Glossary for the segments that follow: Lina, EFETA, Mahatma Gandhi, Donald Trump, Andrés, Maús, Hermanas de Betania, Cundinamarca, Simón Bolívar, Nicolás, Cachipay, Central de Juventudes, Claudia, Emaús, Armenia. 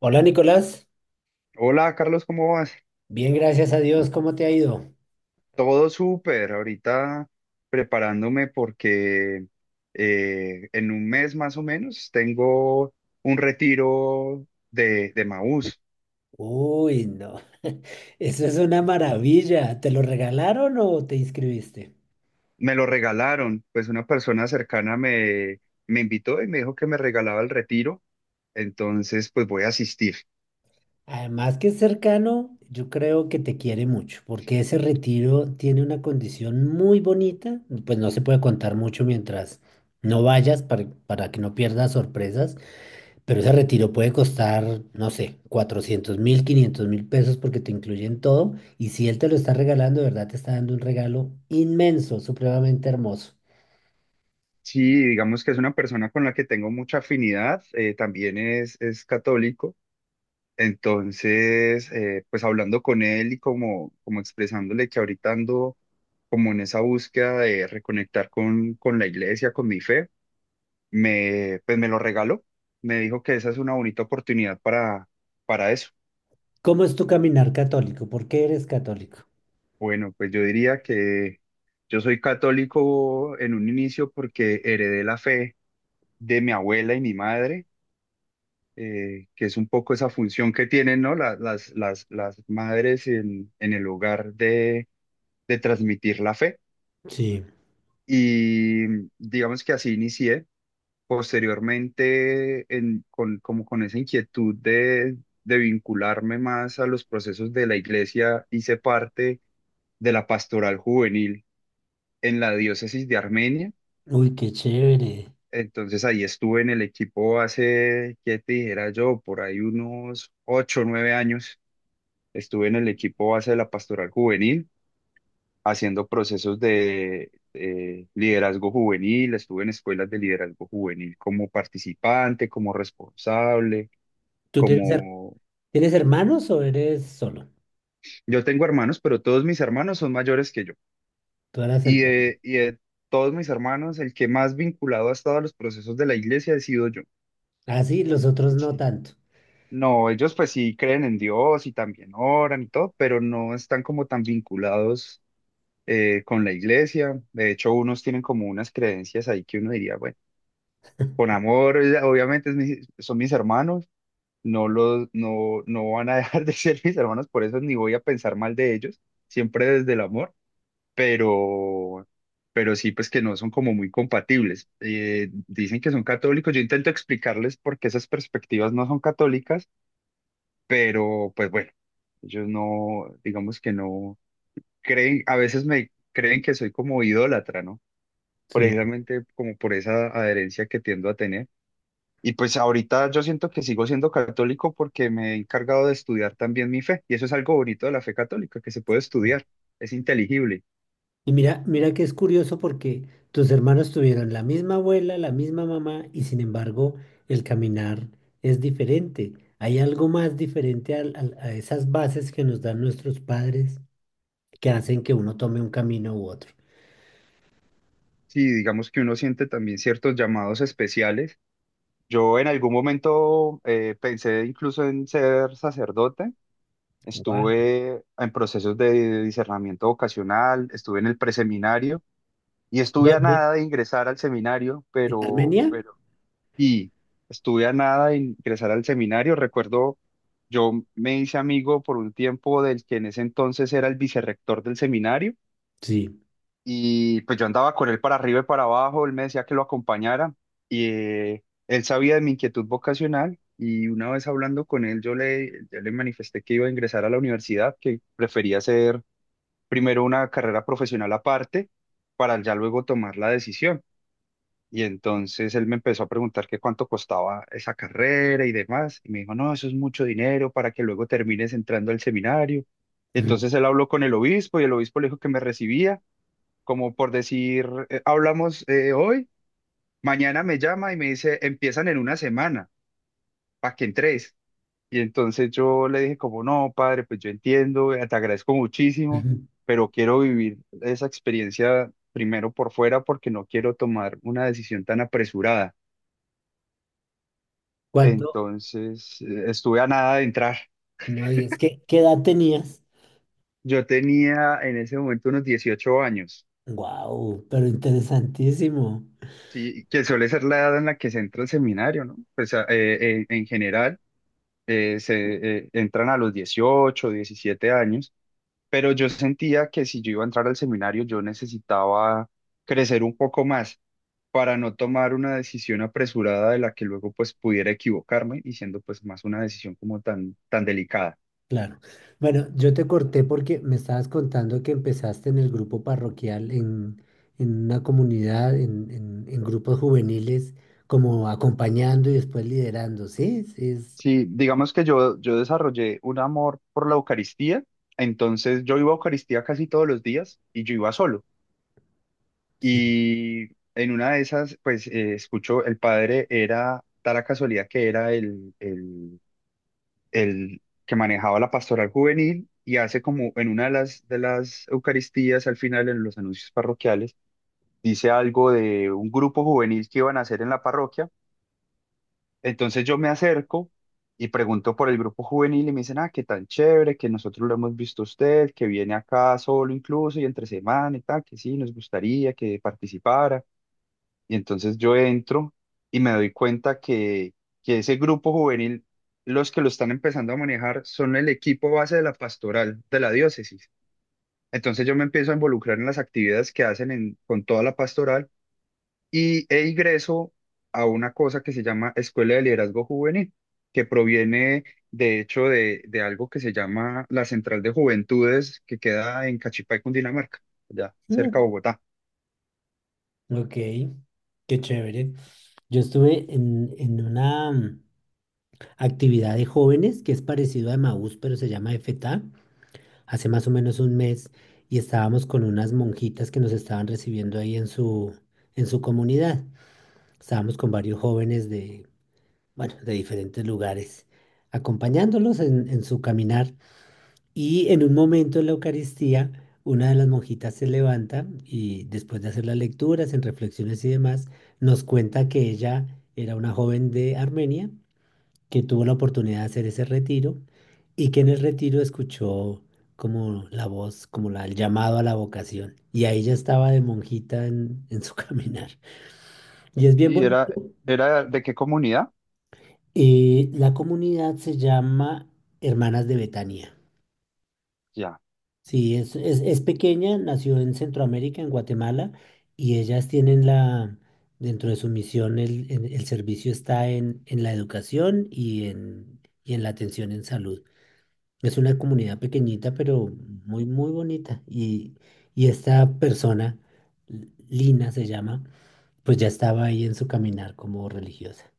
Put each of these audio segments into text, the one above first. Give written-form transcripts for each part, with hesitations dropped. Hola Nicolás, Hola Carlos, ¿cómo vas? bien, gracias a Dios, ¿cómo te ha ido? Todo súper, ahorita preparándome porque en un mes más o menos tengo un retiro de Maús. Uy, no, eso es una maravilla, ¿te lo regalaron o te inscribiste? Me lo regalaron, pues una persona cercana me invitó y me dijo que me regalaba el retiro, entonces pues voy a asistir. Además que es cercano, yo creo que te quiere mucho, porque ese retiro tiene una condición muy bonita, pues no se puede contar mucho mientras no vayas para que no pierdas sorpresas. Pero ese retiro puede costar, no sé, 400 mil, 500 mil pesos porque te incluyen todo. Y si él te lo está regalando, de verdad te está dando un regalo inmenso, supremamente hermoso. Sí, digamos que es una persona con la que tengo mucha afinidad, también es católico. Entonces, pues hablando con él y como expresándole que ahorita ando como en esa búsqueda de reconectar con la iglesia, con mi fe, pues me lo regaló. Me dijo que esa es una bonita oportunidad para eso. ¿Cómo es tu caminar católico? ¿Por qué eres católico? Bueno, pues yo diría que yo soy católico en un inicio porque heredé la fe de mi abuela y mi madre, que es un poco esa función que tienen, ¿no? Las madres en el hogar de transmitir la fe. Sí. Y digamos que así inicié. Posteriormente, con esa inquietud de vincularme más a los procesos de la iglesia, hice parte de la pastoral juvenil en la diócesis de Armenia. Uy, qué chévere. Entonces ahí estuve en el equipo hace, ¿qué te dijera yo? Por ahí unos 8 o 9 años. Estuve en el equipo base de la pastoral juvenil haciendo procesos de liderazgo juvenil, estuve en escuelas de liderazgo juvenil como participante, como responsable, ¿Tú tienes, her- como... ¿Tienes hermanos o eres solo? Yo tengo hermanos, pero todos mis hermanos son mayores que yo. Tú eras el... Y pe- de, y de todos mis hermanos, el que más vinculado ha estado a los procesos de la iglesia he sido yo. Ah, sí, los otros no Sí. tanto. No, ellos pues sí creen en Dios y también oran y todo, pero no están como tan vinculados con la iglesia. De hecho, unos tienen como unas creencias ahí que uno diría, bueno. Con amor, obviamente son mis hermanos, no los, no, no van a dejar de ser mis hermanos, por eso ni voy a pensar mal de ellos, siempre desde el amor, pero, pero sí, pues que no son como muy compatibles. Dicen que son católicos, yo intento explicarles por qué esas perspectivas no son católicas, pero pues bueno, ellos no, digamos que no creen, a veces me creen que soy como idólatra, ¿no? Sí. Precisamente como por esa adherencia que tiendo a tener. Y pues ahorita yo siento que sigo siendo católico porque me he encargado de estudiar también mi fe. Y eso es algo bonito de la fe católica, que se puede estudiar, es inteligible. Y mira, mira que es curioso porque tus hermanos tuvieron la misma abuela, la misma mamá, y sin embargo el caminar es diferente. Hay algo más diferente a esas bases que nos dan nuestros padres que hacen que uno tome un camino u otro. Sí, digamos que uno siente también ciertos llamados especiales. Yo en algún momento pensé incluso en ser sacerdote. Wow. Estuve en procesos de discernimiento vocacional, estuve en el preseminario y estuve a ¿Dónde? nada de ingresar al seminario, ¿En pero, Armenia? pero y estuve a nada de ingresar al seminario. Recuerdo, yo me hice amigo por un tiempo del que en ese entonces era el vicerrector del seminario Sí. y pues yo andaba con él para arriba y para abajo, él me decía que lo acompañara y él sabía de mi inquietud vocacional y una vez hablando con él yo le manifesté que iba a ingresar a la universidad, que prefería hacer primero una carrera profesional aparte para ya luego tomar la decisión. Y entonces él me empezó a preguntar que cuánto costaba esa carrera y demás. Y me dijo, no, eso es mucho dinero para que luego termines entrando al seminario. Ujú. Entonces él habló con el obispo y el obispo le dijo que me recibía, como por decir, hablamos hoy, mañana me llama y me dice, empiezan en una semana, para que entres". Y entonces yo le dije como, no, padre, pues yo entiendo, te agradezco muchísimo, Ujú. pero quiero vivir esa experiencia primero por fuera porque no quiero tomar una decisión tan apresurada. ¿Cuánto? Entonces, estuve a nada de entrar. No digas, ¿qué edad tenías? Yo tenía en ese momento unos 18 años, Wow, pero interesantísimo. sí, que suele ser la edad en la que se entra al seminario, ¿no? Pues en general se entran a los 18, 17 años, pero yo sentía que si yo iba a entrar al seminario, yo necesitaba crecer un poco más para no tomar una decisión apresurada de la que luego pues pudiera equivocarme y siendo pues más una decisión como tan, tan delicada. Claro. Bueno, yo te corté porque me estabas contando que empezaste en el grupo parroquial, en una comunidad, en grupos juveniles, como acompañando y después liderando, ¿sí? Sí, digamos que yo desarrollé un amor por la Eucaristía, entonces yo iba a Eucaristía casi todos los días y yo iba solo. Sí. Y en una de esas, pues escucho, el padre era, da la casualidad que era el que manejaba la pastoral juvenil y hace como en una de de las Eucaristías, al final en los anuncios parroquiales, dice algo de un grupo juvenil que iban a hacer en la parroquia. Entonces yo me acerco y pregunto por el grupo juvenil y me dicen, ah, qué tan chévere, que nosotros lo hemos visto a usted, que viene acá solo incluso y entre semana y tal, que sí, nos gustaría que participara. Y entonces yo entro y me doy cuenta que ese grupo juvenil, los que lo están empezando a manejar son el equipo base de la pastoral de la diócesis. Entonces yo me empiezo a involucrar en las actividades que hacen con toda la pastoral e ingreso a una cosa que se llama Escuela de Liderazgo Juvenil, que proviene de hecho de algo que se llama la Central de Juventudes, que queda en Cachipay, Cundinamarca, allá cerca Mm, de Bogotá. ok, qué chévere. Yo estuve en una actividad de jóvenes que es parecido a Emaús, pero se llama EFETA, hace más o menos un mes, y estábamos con unas monjitas que nos estaban recibiendo ahí en en su comunidad. Estábamos con varios jóvenes de, bueno, de diferentes lugares, acompañándolos en su caminar. Y en un momento en la Eucaristía, una de las monjitas se levanta y después de hacer las lecturas, en reflexiones y demás, nos cuenta que ella era una joven de Armenia que tuvo la oportunidad de hacer ese retiro y que en el retiro escuchó como la voz, como la, el llamado a la vocación. Y ahí ya estaba de monjita en su caminar. Y es bien ¿Y era, bonito. era de qué comunidad? La comunidad se llama Hermanas de Betania. Ya. Sí, es pequeña, nació en Centroamérica, en Guatemala, y ellas tienen la, dentro de su misión, el servicio está en la educación y en la atención en salud. Es una comunidad pequeñita, pero muy, muy bonita. Y esta persona, Lina se llama, pues ya estaba ahí en su caminar como religiosa.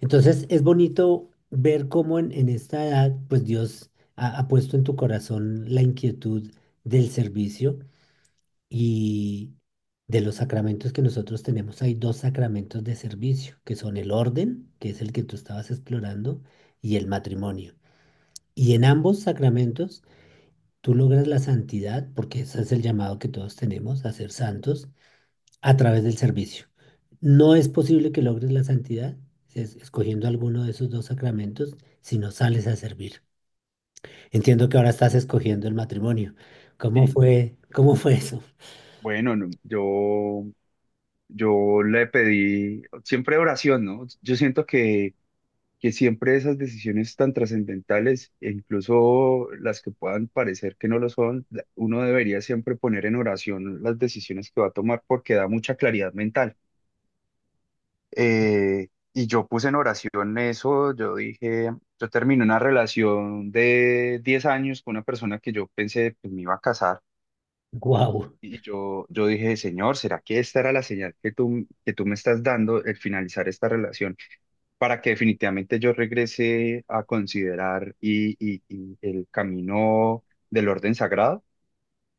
Entonces es bonito ver cómo en esta edad, pues Dios ha, ha puesto en tu corazón la inquietud del servicio y de los sacramentos que nosotros tenemos. Hay dos sacramentos de servicio, que son el orden, que es el que tú estabas explorando, y el matrimonio. Y en ambos sacramentos tú logras la santidad, porque ese es el llamado que todos tenemos a ser santos, a través del servicio. No es posible que logres la santidad si es- escogiendo alguno de esos dos sacramentos si no sales a servir. Entiendo que ahora estás escogiendo el matrimonio. Y Cómo fue eso? bueno, no, yo le pedí siempre oración, ¿no? Yo siento que siempre esas decisiones tan trascendentales, e incluso las que puedan parecer que no lo son, uno debería siempre poner en oración las decisiones que va a tomar porque da mucha claridad mental. Y yo puse en oración eso, yo dije, yo terminé una relación de 10 años con una persona que yo pensé, pues me iba a casar. Guau. Y yo dije, Señor, ¿será que esta era la señal que que tú me estás dando el finalizar esta relación, para que definitivamente yo regrese a considerar y el camino del orden sagrado?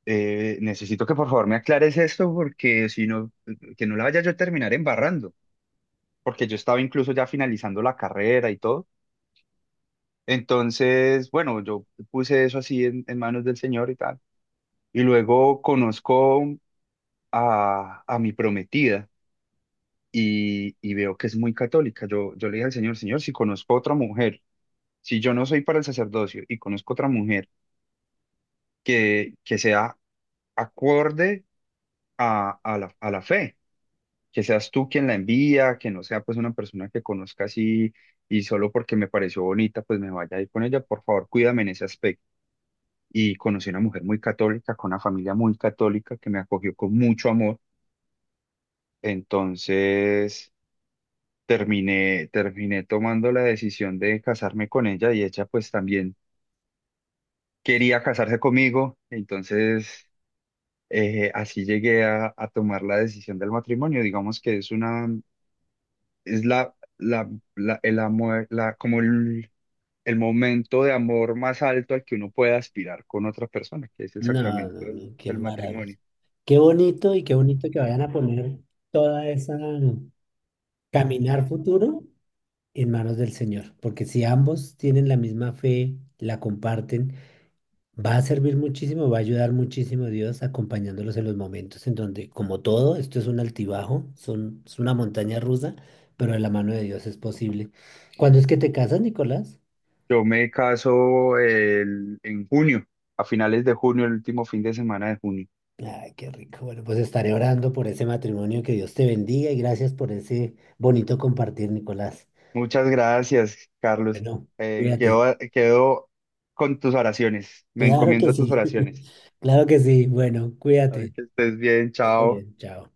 Necesito que por favor me aclares esto porque si no, que no la vaya yo a terminar embarrando, porque yo estaba incluso ya finalizando la carrera y todo. Entonces, bueno, yo puse eso así en manos del Señor y tal. Y luego conozco a mi prometida y veo que es muy católica. Yo le dije al Señor, Señor, si conozco a otra mujer, si yo no soy para el sacerdocio y conozco otra mujer que sea acorde a la fe, que seas tú quien la envía, que no sea pues una persona que conozca así y solo porque me pareció bonita, pues me vaya a ir con ella, por favor, cuídame en ese aspecto. Y conocí una mujer muy católica, con una familia muy católica que me acogió con mucho amor. Entonces terminé tomando la decisión de casarme con ella y ella pues también quería casarse conmigo, entonces así llegué a tomar la decisión del matrimonio. Digamos que es una, es la, la, la- el amor, el momento de amor más alto al que uno puede aspirar con otra persona, que es el No, sacramento no, no, qué del maravilla. matrimonio. Qué bonito y qué bonito que vayan a poner toda esa caminar futuro en manos del Señor, porque si ambos tienen la misma fe, la comparten. Va a servir muchísimo, va a ayudar muchísimo Dios acompañándolos en los momentos en donde, como todo, esto es un altibajo, son, es una montaña rusa, pero de la mano de Dios es posible. ¿Cuándo es que te casas, Nicolás? Yo me caso en junio, a finales de junio, el último fin de semana de junio. Ay, qué rico. Bueno, pues estaré orando por ese matrimonio, que Dios te bendiga y gracias por ese bonito compartir, Nicolás. Muchas gracias, Carlos. Bueno, cuídate. Quedo con tus oraciones. Me Claro encomiendo que a tus sí. oraciones. Claro que sí. Bueno, Así cuídate. que estés bien, Muy chao. bien, chao.